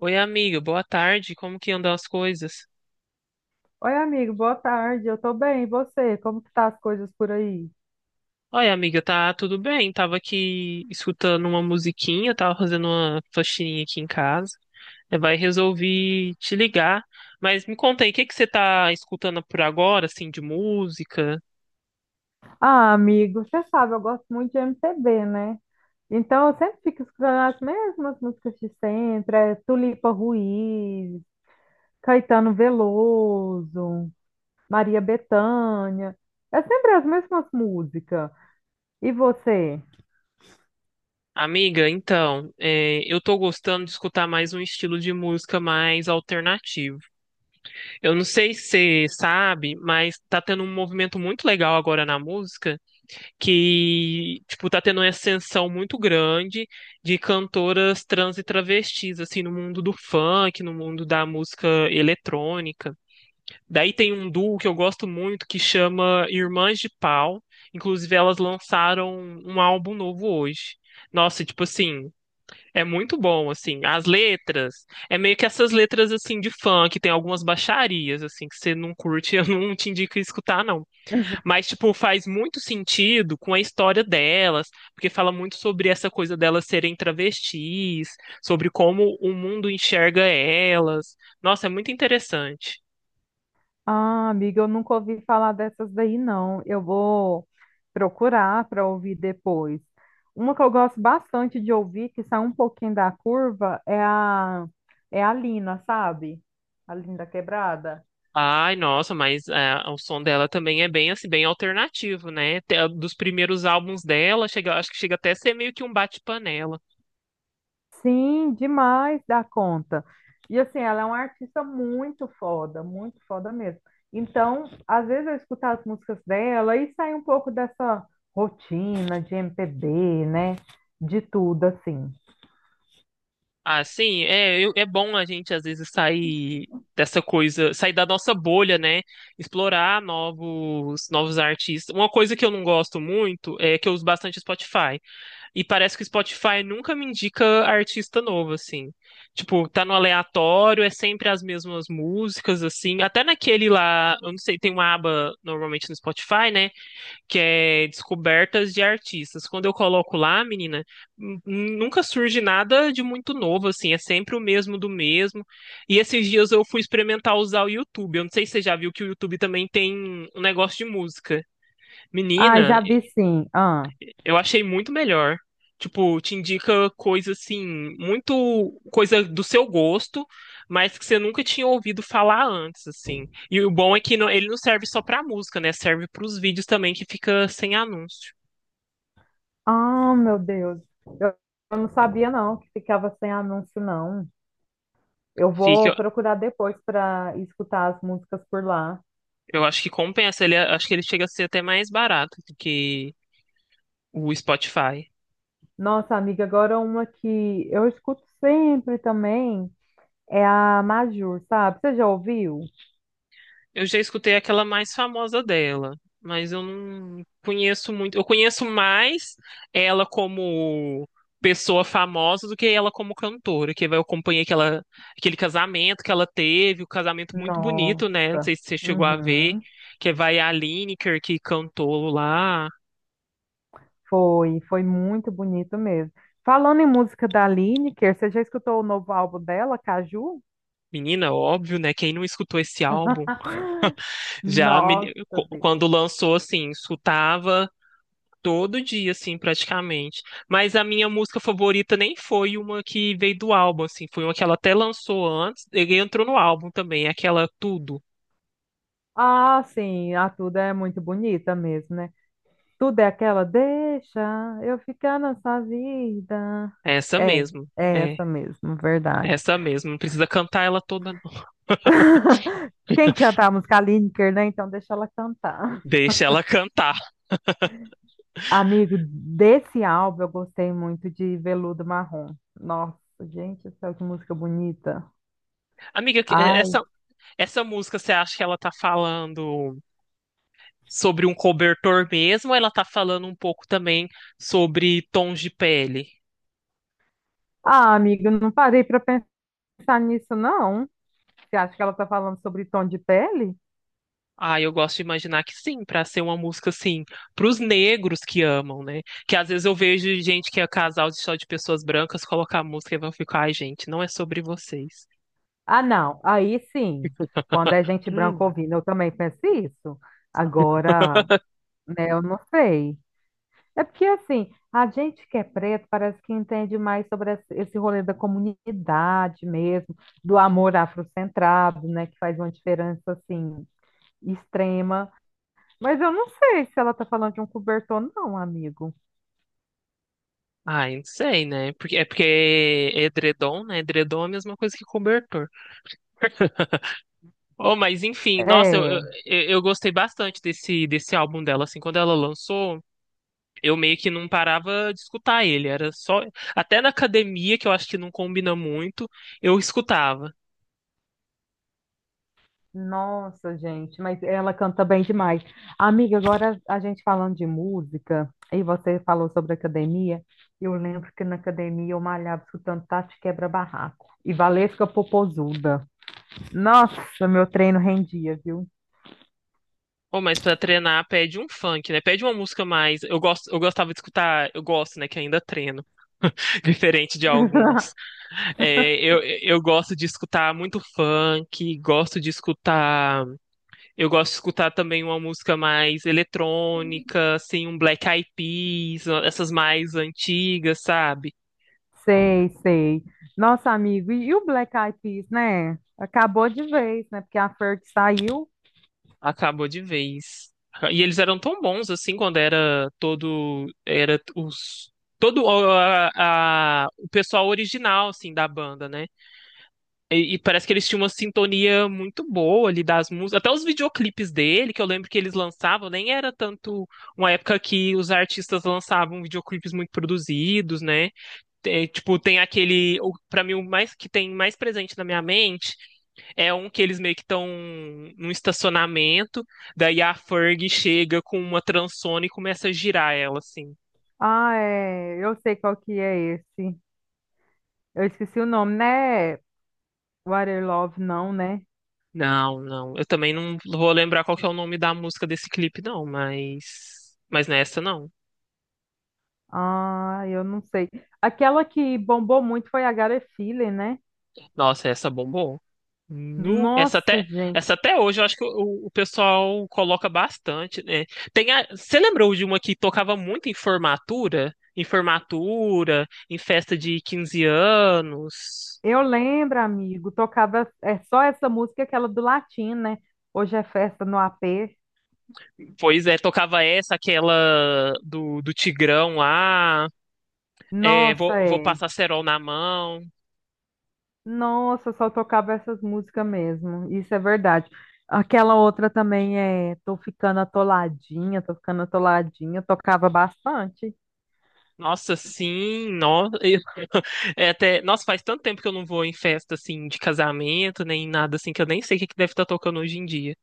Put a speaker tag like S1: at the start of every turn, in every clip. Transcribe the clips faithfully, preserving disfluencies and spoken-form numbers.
S1: Oi, amiga, boa tarde. Como que andam as coisas?
S2: Oi, amigo, boa tarde. Eu tô bem, e você? Como que tá as coisas por aí?
S1: Oi, amiga, tá tudo bem? Tava aqui escutando uma musiquinha, tava fazendo uma faxininha aqui em casa. Eh, Vai resolvi te ligar. Mas me conta aí, o que que você tá escutando por agora, assim, de música?
S2: Ah, amigo, você sabe, eu gosto muito de M P B, né? Então eu sempre fico escutando as mesmas músicas de sempre, é Tulipa Ruiz, Caetano Veloso, Maria Bethânia. É sempre as mesmas músicas. E você?
S1: Amiga, então, eh, eu tô gostando de escutar mais um estilo de música mais alternativo. Eu não sei se você sabe, mas tá tendo um movimento muito legal agora na música, que, tipo, tá tendo uma ascensão muito grande de cantoras trans e travestis, assim, no mundo do funk, no mundo da música eletrônica. Daí tem um duo que eu gosto muito que chama Irmãs de Pau. Inclusive, elas lançaram um álbum novo hoje. Nossa, tipo assim, é muito bom, assim. As letras, é meio que essas letras, assim, de funk, tem algumas baixarias, assim, que você não curte, eu não te indico escutar, não. Mas, tipo, faz muito sentido com a história delas, porque fala muito sobre essa coisa delas serem travestis, sobre como o mundo enxerga elas. Nossa, é muito interessante.
S2: Ah, amiga, eu nunca ouvi falar dessas daí, não. Eu vou procurar para ouvir depois. Uma que eu gosto bastante de ouvir, que sai um pouquinho da curva, é a, é a Lina, sabe? A Linda Quebrada.
S1: Ai, nossa, mas ah, o som dela também é bem assim, bem alternativo, né? Te- Dos primeiros álbuns dela, chega, acho que chega até a ser meio que um bate-panela.
S2: Sim, demais da conta. E assim, ela é uma artista muito foda, muito foda mesmo. Então, às vezes eu escuto as músicas dela e sai um pouco dessa rotina de M P B, né? De tudo, assim.
S1: Ah, sim, é, eu- é bom a gente às vezes sair dessa coisa, sair da nossa bolha, né? Explorar novos, novos artistas. Uma coisa que eu não gosto muito é que eu uso bastante Spotify. E parece que o Spotify nunca me indica artista novo, assim. Tipo, tá no aleatório, é sempre as mesmas músicas, assim. Até naquele lá, eu não sei, tem uma aba normalmente no Spotify, né, que é descobertas de artistas. Quando eu coloco lá, menina, n- nunca surge nada de muito novo, assim, é sempre o mesmo do mesmo. E esses dias eu fui experimentar usar o YouTube. Eu não sei se você já viu que o YouTube também tem um negócio de música.
S2: Ah,
S1: Menina,
S2: já vi sim. Ah,
S1: eu achei muito melhor. Tipo, te indica coisa assim, muito coisa do seu gosto, mas que você nunca tinha ouvido falar antes, assim. E o bom é que não- ele não serve só pra música, né? Serve pros vídeos também que fica sem anúncio.
S2: ah, meu Deus. Eu, eu não sabia não que ficava sem anúncio não. Eu
S1: Fica,
S2: vou
S1: eu
S2: procurar depois para escutar as músicas por lá.
S1: eu acho que compensa. Ele, é, acho que ele chega a ser até mais barato do que o Spotify.
S2: Nossa, amiga, agora uma que eu escuto sempre também é a Majur, sabe? Você já ouviu?
S1: Eu já escutei aquela mais famosa dela, mas eu não conheço muito. Eu conheço mais ela como pessoa famosa do que ela como cantora, que eu acompanhei aquela, aquele casamento que ela teve, um casamento muito
S2: Nossa.
S1: bonito, né? Não sei se você chegou a ver,
S2: Uhum.
S1: que vai a Lineker que cantou lá.
S2: Foi, foi muito bonito mesmo. Falando em música da Lineker, você já escutou o novo álbum dela, Caju?
S1: Menina, óbvio, né? Quem não escutou esse álbum? Já a meni-
S2: Nossa,
S1: co-
S2: Deus.
S1: quando lançou, assim, escutava todo dia, assim, praticamente. Mas a minha música favorita nem foi uma que veio do álbum, assim, foi uma que ela até lançou antes, ele entrou no álbum também, aquela Tudo.
S2: Ah, sim, a Tuda é muito bonita mesmo, né? Tudo é aquela, deixa eu ficar nessa vida.
S1: Essa
S2: É,
S1: mesmo,
S2: é
S1: é,
S2: essa mesmo, verdade.
S1: essa mesmo. Não precisa cantar ela toda, não.
S2: Quem canta a música? A Lineker, né? Então deixa ela cantar.
S1: Deixa ela cantar.
S2: Amigo, desse álbum eu gostei muito de Veludo Marrom. Nossa, gente, do céu, que música bonita.
S1: Amiga, que- eh, essa,
S2: Ai,
S1: essa música, você acha que ela tá falando sobre um cobertor mesmo, ou ela tá falando um pouco também sobre tons de pele?
S2: ah, amigo, não parei para pensar nisso, não. Você acha que ela tá falando sobre tom de pele?
S1: Ah, eu gosto de imaginar que sim, para ser uma música assim, para os negros que amam, né? Que às vezes eu vejo gente que é casal de só de pessoas brancas colocar a música e vão ficar, ai, gente, não é sobre vocês.
S2: Ah, não. Aí sim. Quando é gente branca
S1: Hum.
S2: ouvindo, eu também penso isso. Agora, né, eu não sei. É porque, assim, a gente que é preto parece que entende mais sobre esse esse rolê da comunidade mesmo, do amor afrocentrado, né, que faz uma diferença, assim, extrema. Mas eu não sei se ela tá falando de um cobertor, não, amigo.
S1: Ai, não sei, né? Porque é porque é edredom, né? Edredom é a mesma coisa que cobertor. Oh, mas enfim, nossa, eu,
S2: É.
S1: eu, eu gostei bastante desse, desse álbum dela, assim, quando ela lançou, eu meio que não parava de escutar ele, era só, até na academia, que eu acho que não combina muito, eu escutava.
S2: Nossa, gente, mas ela canta bem demais. Amiga, agora a gente falando de música, e você falou sobre academia, eu lembro que na academia eu malhava escutando Tati Quebra-Barraco e Valesca Popozuda. Nossa, meu treino rendia, viu?
S1: Ou mas pra treinar pede um funk, né? Pede uma música mais. Eu gosto, eu gostava de escutar, eu gosto, né, que ainda treino, diferente de alguns. É, eu, eu gosto de escutar muito funk, gosto de escutar, eu gosto de escutar também uma música mais eletrônica, assim, um Black Eyed Peas, essas mais antigas, sabe?
S2: Sei, sei. Nossa, amigo, e, e o Black Eyed Peas, né? Acabou de vez, né? Porque a Ferg saiu.
S1: Acabou de vez. E eles eram tão bons assim quando era todo era os todo o- a, a- o pessoal original assim da banda, né? E, e parece que eles tinham uma sintonia muito boa ali das músicas, até os videoclipes dele, que eu lembro que eles lançavam, nem era tanto uma época que os artistas lançavam videoclipes muito produzidos, né? Tem- tipo, tem aquele, o- pra mim o mais que tem mais presente na minha mente é um que eles meio que estão num estacionamento, daí a Ferg chega com uma transona e começa a girar ela, assim.
S2: Ah, é, eu sei qual que é esse. Eu esqueci o nome, né? Water Love, não, né?
S1: Não, não. Eu também não vou lembrar qual que é o nome da música desse clipe, não, mas. Mas nessa não.
S2: Ah, eu não sei. Aquela que bombou muito foi a Gary Filler, né?
S1: Nossa, essa bombou. Nu. Essa
S2: Nossa,
S1: até,
S2: gente.
S1: essa até hoje eu acho que o, o pessoal coloca bastante, né? Tem a, você lembrou de uma que tocava muito em formatura? Em formatura, em festa de quinze anos.
S2: Eu lembro, amigo, tocava é só essa música, aquela do latim, né? Hoje é festa no A P.
S1: Pois é, tocava essa, aquela do, do Tigrão lá. É,
S2: Nossa,
S1: vou, vou
S2: é.
S1: passar cerol na mão.
S2: Nossa, só tocava essas músicas mesmo. Isso é verdade. Aquela outra também é tô ficando atoladinha, tô ficando atoladinha, tocava bastante.
S1: Nossa, sim, nossa, é até, nossa, faz tanto tempo que eu não vou em festa assim de casamento, nem nada assim, que eu nem sei o que que deve estar tocando hoje em dia.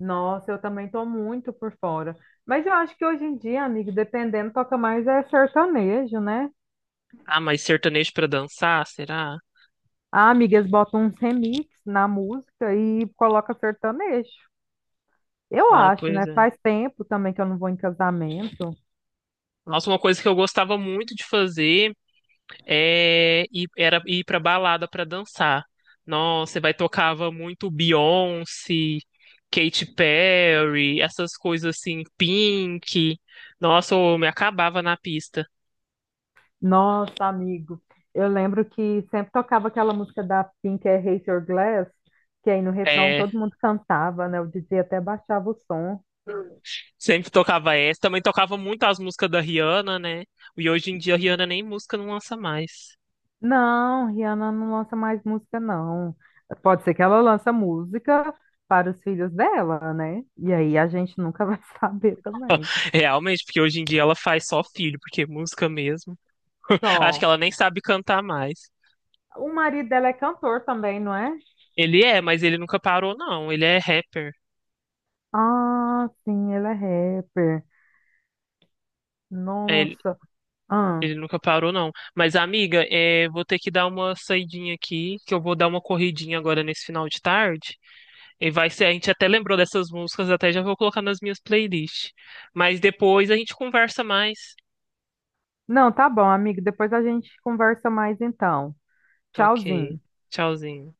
S2: Nossa, eu também tô muito por fora. Mas eu acho que hoje em dia, amigo, dependendo, toca mais é sertanejo, né?
S1: Ah, mas sertanejo pra dançar, será?
S2: Ah, amigas botam uns remix na música e coloca sertanejo. Eu
S1: Ai,
S2: acho,
S1: pois
S2: né?
S1: é.
S2: Faz tempo também que eu não vou em casamento.
S1: Nossa, uma coisa que eu gostava muito de fazer. É, e era ir pra balada pra dançar. Nossa, vai tocava muito Beyoncé, Katy Perry, essas coisas assim, Pink. Nossa, eu me acabava na pista.
S2: Nossa, amigo, eu lembro que sempre tocava aquela música da Pink, é Raise Your Glass, que aí no refrão
S1: É,
S2: todo mundo cantava, né? O D J até baixava o som.
S1: sempre tocava essa. Também tocava muito as músicas da Rihanna, né? E hoje em dia a Rihanna nem música não lança mais.
S2: Não, Rihanna não lança mais música, não. Pode ser que ela lança música para os filhos dela, né? E aí a gente nunca vai saber também.
S1: Realmente, porque hoje em dia ela faz só filho, porque é música mesmo. Acho que
S2: Só.
S1: ela nem sabe cantar mais.
S2: O marido dela é cantor também, não é?
S1: Ele é, mas ele nunca parou, não. Ele é rapper.
S2: Ah, sim, ele é rapper.
S1: É,
S2: Nossa. Ah.
S1: ele nunca parou, não. Mas, amiga, é, vou ter que dar uma saidinha aqui, que eu vou dar uma corridinha agora nesse final de tarde. E vai ser, a gente até lembrou dessas músicas, até já vou colocar nas minhas playlists. Mas depois a gente conversa mais.
S2: Não, tá bom, amigo. Depois a gente conversa mais então.
S1: Tá ok.
S2: Tchauzinho.
S1: Tchauzinho.